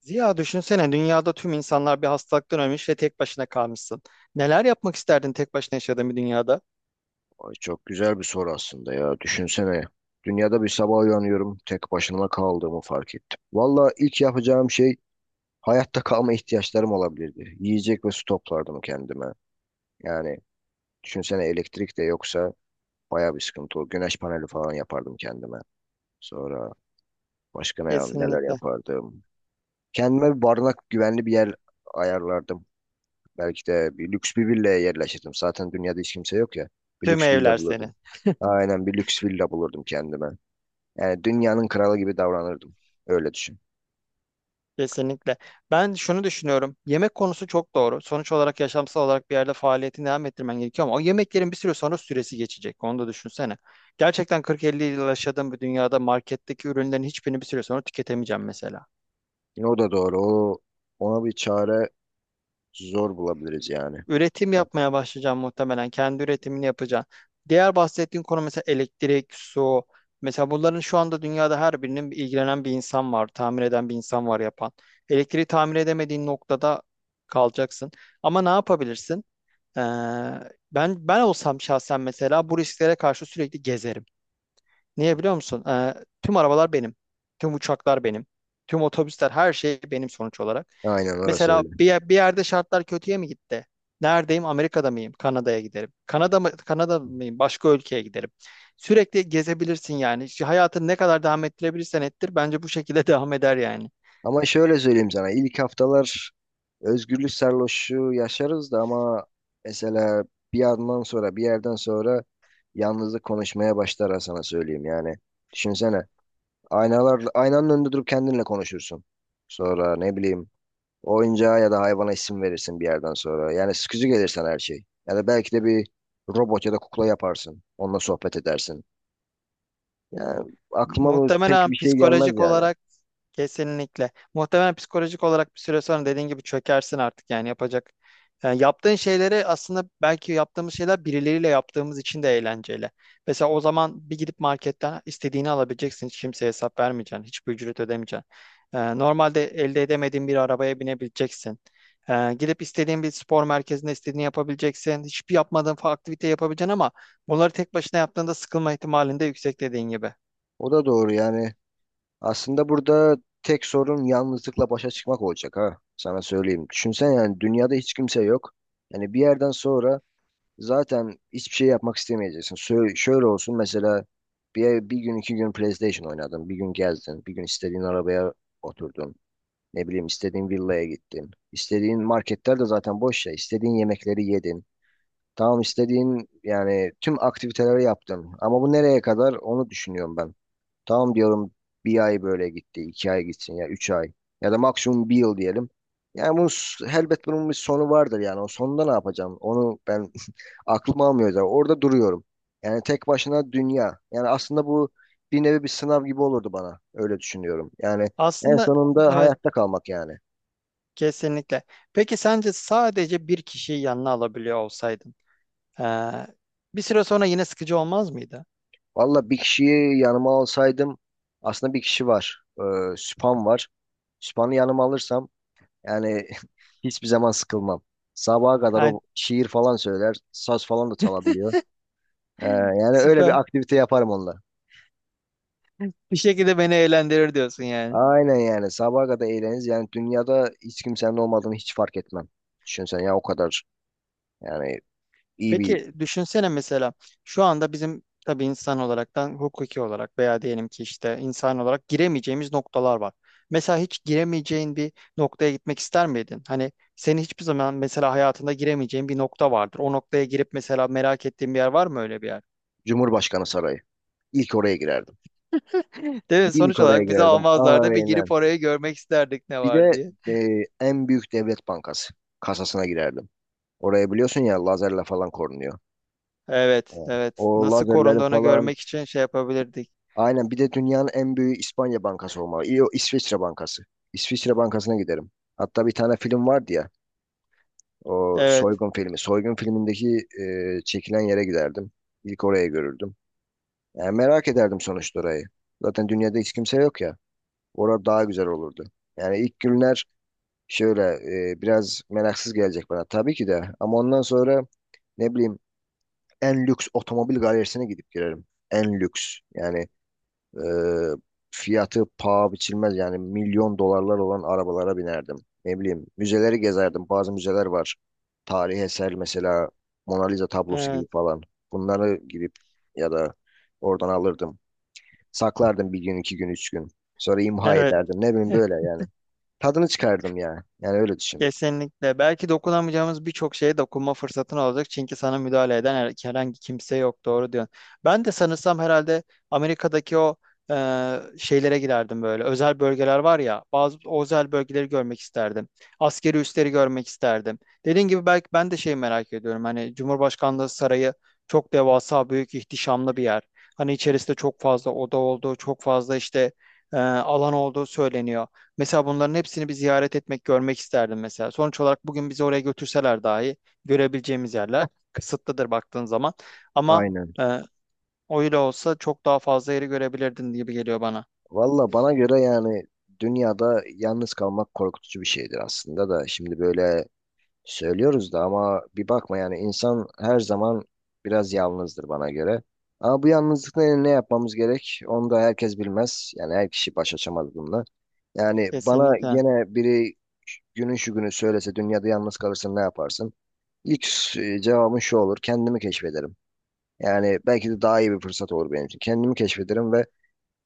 Ziya, düşünsene, dünyada tüm insanlar bir hastalıktan ölmüş ve tek başına kalmışsın. Neler yapmak isterdin tek başına yaşadığın bir dünyada? Ay çok güzel bir soru aslında ya. Düşünsene. Dünyada bir sabah uyanıyorum. Tek başıma kaldığımı fark ettim. Valla ilk yapacağım şey hayatta kalma ihtiyaçlarım olabilirdi. Yiyecek ve su toplardım kendime. Yani düşünsene, elektrik de yoksa baya bir sıkıntı olur. Güneş paneli falan yapardım kendime. Sonra başka neler Kesinlikle. yapardım? Kendime bir barınak, güvenli bir yer ayarlardım. Belki de bir lüks bir villaya yerleşirdim. Zaten dünyada hiç kimse yok ya. Bir Tüm lüks villa evler bulurdum. senin. Aynen, bir lüks villa bulurdum kendime. Yani dünyanın kralı gibi davranırdım. Öyle düşün. Kesinlikle. Ben şunu düşünüyorum. Yemek konusu çok doğru. Sonuç olarak yaşamsal olarak bir yerde faaliyetini devam ettirmen gerekiyor ama o yemeklerin bir süre sonra süresi geçecek. Onu da düşünsene. Gerçekten 40-50 yıl yaşadığım bir dünyada marketteki ürünlerin hiçbirini bir süre sonra tüketemeyeceğim mesela. Yine o da doğru. Ona bir çare zor bulabiliriz yani. Üretim yapmaya başlayacağım muhtemelen. Kendi üretimini yapacağım. Diğer bahsettiğin konu mesela elektrik, su. Mesela bunların şu anda dünyada her birinin bir ilgilenen bir insan var, tamir eden bir insan var, yapan. Elektriği tamir edemediğin noktada kalacaksın. Ama ne yapabilirsin? Ee, ben olsam şahsen mesela bu risklere karşı sürekli gezerim. Niye biliyor musun? Tüm arabalar benim. Tüm uçaklar benim. Tüm otobüsler, her şey benim sonuç olarak. Aynen, orası Mesela öyle. bir, bir yerde şartlar kötüye mi gitti? Neredeyim? Amerika'da mıyım? Kanada'ya giderim. Kanada mı, Kanada mıyım? Başka ülkeye giderim. Sürekli gezebilirsin yani. Şu hayatını ne kadar devam ettirebilirsen ettir. Bence bu şekilde devam eder yani. Ama şöyle söyleyeyim sana. İlk haftalar özgürlük sarhoşluğu yaşarız da ama mesela bir yerden sonra yalnızlık konuşmaya başlar ha, sana söyleyeyim yani. Düşünsene. Aynalar, aynanın önünde durup kendinle konuşursun. Sonra ne bileyim, oyuncağa ya da hayvana isim verirsin bir yerden sonra. Yani sıkıcı gelirsen her şey. Ya da belki de bir robot ya da kukla yaparsın. Onunla sohbet edersin. Yani aklıma bu pek Muhtemelen bir şey gelmez psikolojik yani. olarak kesinlikle. Muhtemelen psikolojik olarak bir süre sonra dediğin gibi çökersin artık yani yapacak. Yani yaptığın şeyleri aslında belki yaptığımız şeyler birileriyle yaptığımız için de eğlenceli. Mesela o zaman bir gidip marketten istediğini alabileceksin. Hiç kimseye hesap vermeyeceksin. Hiçbir ücret ödemeyeceksin. Normalde elde edemediğin bir arabaya binebileceksin. Gidip istediğin bir spor merkezinde istediğini yapabileceksin. Hiçbir yapmadığın aktivite yapabileceksin ama bunları tek başına yaptığında sıkılma ihtimalinde yüksek dediğin gibi. O da doğru yani. Aslında burada tek sorun yalnızlıkla başa çıkmak olacak ha. Sana söyleyeyim. Düşünsen yani, dünyada hiç kimse yok. Yani bir yerden sonra zaten hiçbir şey yapmak istemeyeceksin. Şöyle olsun mesela, bir gün iki gün PlayStation oynadın. Bir gün gezdin. Bir gün istediğin arabaya oturdun. Ne bileyim istediğin villaya gittin. İstediğin marketler de zaten boş ya. İstediğin yemekleri yedin. Tamam, istediğin yani tüm aktiviteleri yaptın. Ama bu nereye kadar, onu düşünüyorum ben. Tamam diyorum, bir ay böyle gitti. İki ay gitsin ya, üç ay. Ya da maksimum bir yıl diyelim. Yani bunun, elbet bunun bir sonu vardır yani. O sonunda ne yapacağım? Onu ben aklım almıyor zaten. Orada duruyorum. Yani tek başına dünya. Yani aslında bu bir nevi bir sınav gibi olurdu bana. Öyle düşünüyorum. Yani en Aslında sonunda evet, hayatta kalmak yani. kesinlikle. Peki sence sadece bir kişiyi yanına alabiliyor olsaydın eee, bir süre sonra yine sıkıcı olmaz mıydı? Valla bir kişiyi yanıma alsaydım, aslında bir kişi var. Süphan var. Süphan'ı yanıma alırsam yani hiçbir zaman sıkılmam. Sabaha kadar Yani o şiir falan söyler. Saz falan da çalabiliyor. Yani öyle süper bir aktivite yaparım onunla. bir şekilde beni eğlendirir diyorsun yani. Aynen, yani sabaha kadar eğleniriz. Yani dünyada hiç kimsenin olmadığını hiç fark etmem. Düşünsen ya, o kadar yani, iyi bir Peki düşünsene mesela şu anda bizim tabii insan olaraktan hukuki olarak veya diyelim ki işte insan olarak giremeyeceğimiz noktalar var. Mesela hiç giremeyeceğin bir noktaya gitmek ister miydin? Hani senin hiçbir zaman mesela hayatında giremeyeceğin bir nokta vardır. O noktaya girip mesela merak ettiğin bir yer var mı, öyle bir yer? Cumhurbaşkanı sarayı. İlk oraya girerdim. Değil mi? İlk Sonuç oraya olarak bizi girerdim. almazlardı. Bir girip Aynen. orayı görmek isterdik ne Bir de var diye. En büyük devlet bankası kasasına girerdim. Oraya biliyorsun ya, lazerle falan korunuyor. Evet, Evet. evet. O Nasıl lazerleri korunduğunu falan, görmek için şey yapabilirdik. aynen, bir de dünyanın en büyük İspanya bankası olmalı. İyi, o İsviçre bankası. İsviçre bankasına giderim. Hatta bir tane film vardı ya. O Evet, soygun filmi. Soygun filmindeki çekilen yere giderdim. İlk oraya görürdüm. Yani merak ederdim sonuçta orayı. Zaten dünyada hiç kimse yok ya. Orada daha güzel olurdu. Yani ilk günler şöyle biraz meraksız gelecek bana tabii ki de. Ama ondan sonra ne bileyim, en lüks otomobil galerisine gidip girerim. En lüks. Yani e, fiyatı paha biçilmez yani milyon dolarlar olan arabalara binerdim. Ne bileyim, müzeleri gezerdim. Bazı müzeler var. Tarihi eser mesela, Mona Lisa tablosu gibi evet, falan. Bunları gidip ya da oradan alırdım. Saklardım bir gün, iki gün, üç gün. Sonra imha evet. ederdim. Ne bileyim, böyle yani. Tadını çıkardım ya. Yani öyle düşün. Kesinlikle. Belki dokunamayacağımız birçok şeye dokunma fırsatın olacak. Çünkü sana müdahale eden herhangi kimse yok. Doğru diyorsun. Ben de sanırsam herhalde Amerika'daki o e, şeylere girerdim böyle. Özel bölgeler var ya. Bazı o özel bölgeleri görmek isterdim. Askeri üsleri görmek isterdim. Dediğin gibi belki ben de şeyi merak ediyorum. Hani Cumhurbaşkanlığı Sarayı çok devasa, büyük, ihtişamlı bir yer. Hani içerisinde çok fazla oda olduğu, çok fazla işte alan olduğu söyleniyor. Mesela bunların hepsini bir ziyaret etmek, görmek isterdim mesela. Sonuç olarak bugün bizi oraya götürseler dahi görebileceğimiz yerler kısıtlıdır baktığın zaman. Ama Aynen. e, o olsa çok daha fazla yeri görebilirdin gibi geliyor bana. Valla bana göre yani, dünyada yalnız kalmak korkutucu bir şeydir aslında da, şimdi böyle söylüyoruz da ama bir bakma yani, insan her zaman biraz yalnızdır bana göre. Ama bu yalnızlıkla ne yapmamız gerek, onu da herkes bilmez. Yani her kişi baş açamaz bununla. Yani bana Kesinlikle. gene biri günün şu günü söylese, dünyada yalnız kalırsın ne yaparsın? İlk cevabım şu olur, kendimi keşfederim. Yani belki de daha iyi bir fırsat olur benim için. Kendimi keşfederim ve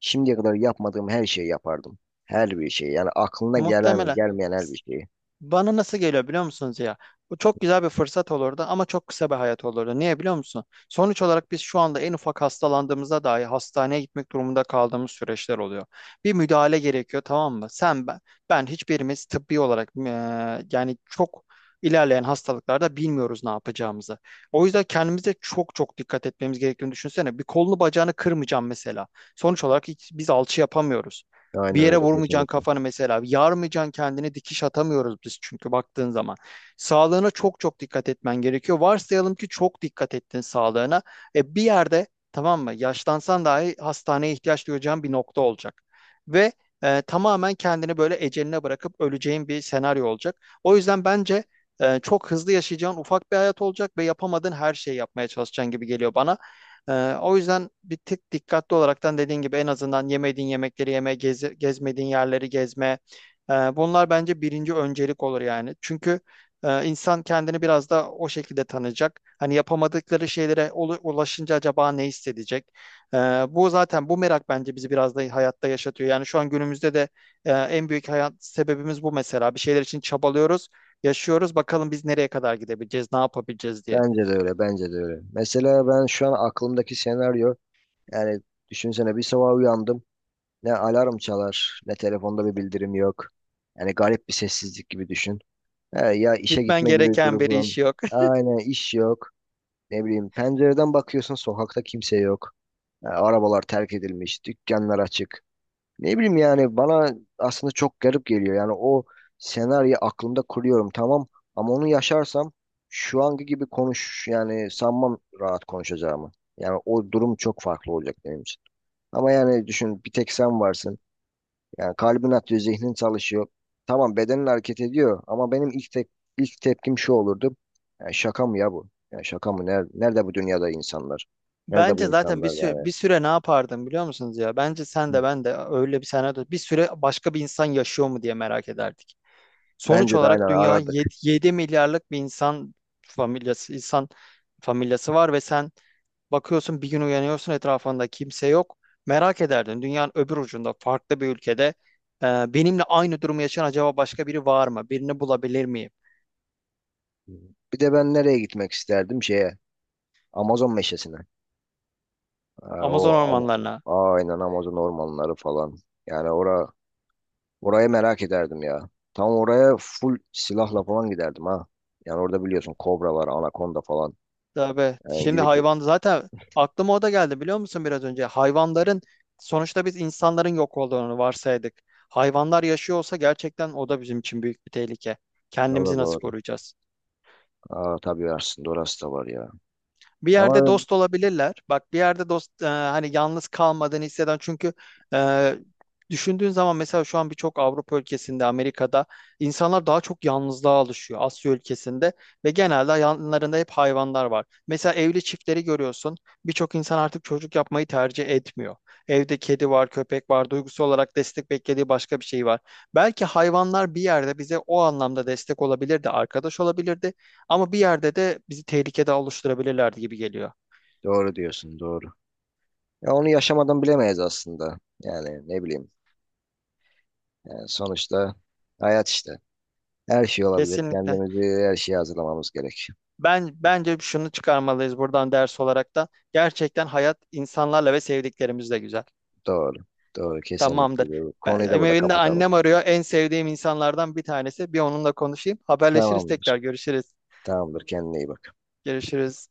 şimdiye kadar yapmadığım her şeyi yapardım. Her bir şeyi. Yani aklına gelen, Muhtemelen. gelmeyen her bir şeyi. Bana nasıl geliyor biliyor musunuz ya? Bu çok güzel bir fırsat olurdu ama çok kısa bir hayat olurdu. Niye biliyor musun? Sonuç olarak biz şu anda en ufak hastalandığımızda dahi hastaneye gitmek durumunda kaldığımız süreçler oluyor. Bir müdahale gerekiyor, tamam mı? Sen ben, hiçbirimiz tıbbi olarak yani çok ilerleyen hastalıklarda bilmiyoruz ne yapacağımızı. O yüzden kendimize çok çok dikkat etmemiz gerektiğini düşünsene. Bir kolunu bacağını kırmayacağım mesela. Sonuç olarak hiç, biz alçı yapamıyoruz. Bir Aynen yere öyle, vurmayacaksın kesinlikle. kafanı mesela. Yarmayacaksın kendini, dikiş atamıyoruz biz çünkü baktığın zaman. Sağlığına çok çok dikkat etmen gerekiyor. Varsayalım ki çok dikkat ettin sağlığına. E, bir yerde, tamam mı? Yaşlansan dahi hastaneye ihtiyaç duyacağın bir nokta olacak. Ve tamamen kendini böyle eceline bırakıp öleceğin bir senaryo olacak. O yüzden bence çok hızlı yaşayacağın ufak bir hayat olacak ve yapamadığın her şeyi yapmaya çalışacaksın gibi geliyor bana. O yüzden bir tık dikkatli olaraktan dediğin gibi en azından yemediğin yemekleri yeme, gezmediğin yerleri gezme. Bunlar bence birinci öncelik olur yani. Çünkü insan kendini biraz da o şekilde tanıyacak. Hani yapamadıkları şeylere ulaşınca acaba ne hissedecek? Ee, bu zaten, bu merak bence bizi biraz da hayatta yaşatıyor. Yani şu an günümüzde de en büyük hayat sebebimiz bu mesela. Bir şeyler için çabalıyoruz, yaşıyoruz. Bakalım biz nereye kadar gidebileceğiz, ne yapabileceğiz diye. Bence de öyle, bence de öyle. Mesela ben şu an aklımdaki senaryo, yani düşünsene bir sabah uyandım. Ne alarm çalar, ne telefonda bir bildirim yok. Yani garip bir sessizlik gibi düşün. He, ya işe Gitmen gitme gibi bir gereken bir durum. iş yok. Aynen, iş yok. Ne bileyim, pencereden bakıyorsun sokakta kimse yok. Ha, arabalar terk edilmiş, dükkanlar açık. Ne bileyim yani, bana aslında çok garip geliyor. Yani o senaryo aklımda kuruyorum tamam, ama onu yaşarsam şu anki gibi konuş yani, sanmam rahat konuşacağımı. Yani o durum çok farklı olacak benim için. Ama yani düşün, bir tek sen varsın. Yani kalbin atıyor, zihnin çalışıyor. Tamam, bedenin hareket ediyor ama benim ilk tepkim şu olurdu. Yani şaka mı ya bu? Yani şaka mı? Nerede bu dünyada insanlar? Nerede bu Bence zaten insanlar yani? bir süre ne yapardım biliyor musunuz ya? Bence sen de ben de öyle bir senaryo bir süre başka bir insan yaşıyor mu diye merak ederdik. Sonuç Bence de aynen olarak dünya arardık. 7 milyarlık bir insan insan familyası var ve sen bakıyorsun, bir gün uyanıyorsun, etrafında kimse yok. Merak ederdin, dünyanın öbür ucunda farklı bir ülkede benimle aynı durumu yaşayan acaba başka biri var mı? Birini bulabilir miyim? Bir de ben nereye gitmek isterdim? Şeye, Amazon meşesine. Ha, Amazon o ormanlarına. Am- aynen Amazon ormanları falan. Yani orayı merak ederdim ya. Tam oraya full silahla falan giderdim ha. Yani orada biliyorsun kobra var, anakonda falan. Tabii. Yani Şimdi gidip o, hayvan zaten aklıma o da geldi biliyor musun biraz önce? Hayvanların, sonuçta biz insanların yok olduğunu varsaydık. Hayvanlar yaşıyor olsa gerçekten o da bizim için büyük bir tehlike. o Kendimizi da nasıl doğru. koruyacağız? Aa, tabii aslında orası da var ya. Bir yerde Ama dost olabilirler. Bak, bir yerde dost hani yalnız kalmadığını hisseden, çünkü e, düşündüğün zaman mesela şu an birçok Avrupa ülkesinde, Amerika'da insanlar daha çok yalnızlığa alışıyor, Asya ülkesinde ve genelde yanlarında hep hayvanlar var. Mesela evli çiftleri görüyorsun. Birçok insan artık çocuk yapmayı tercih etmiyor. Evde kedi var, köpek var. Duygusu olarak destek beklediği başka bir şey var. Belki hayvanlar bir yerde bize o anlamda destek olabilirdi, arkadaş olabilirdi. Ama bir yerde de bizi tehlikede oluşturabilirlerdi gibi geliyor. doğru diyorsun, doğru. Ya onu yaşamadan bilemeyiz aslında. Yani ne bileyim. Yani sonuçta hayat işte. Her şey olabilir. Kesinlikle. Kendimizi her şeye hazırlamamız gerek. Ben, bence şunu çıkarmalıyız buradan ders olarak da. Gerçekten hayat insanlarla ve sevdiklerimizle güzel. Doğru. Doğru. Kesinlikle Tamamdır. doğru. Konuyu da burada Benim kapatalım. annem arıyor. En sevdiğim insanlardan bir tanesi. Bir onunla konuşayım. Haberleşiriz Tamamdır. tekrar. Görüşürüz. Tamamdır. Kendine iyi bak. Görüşürüz.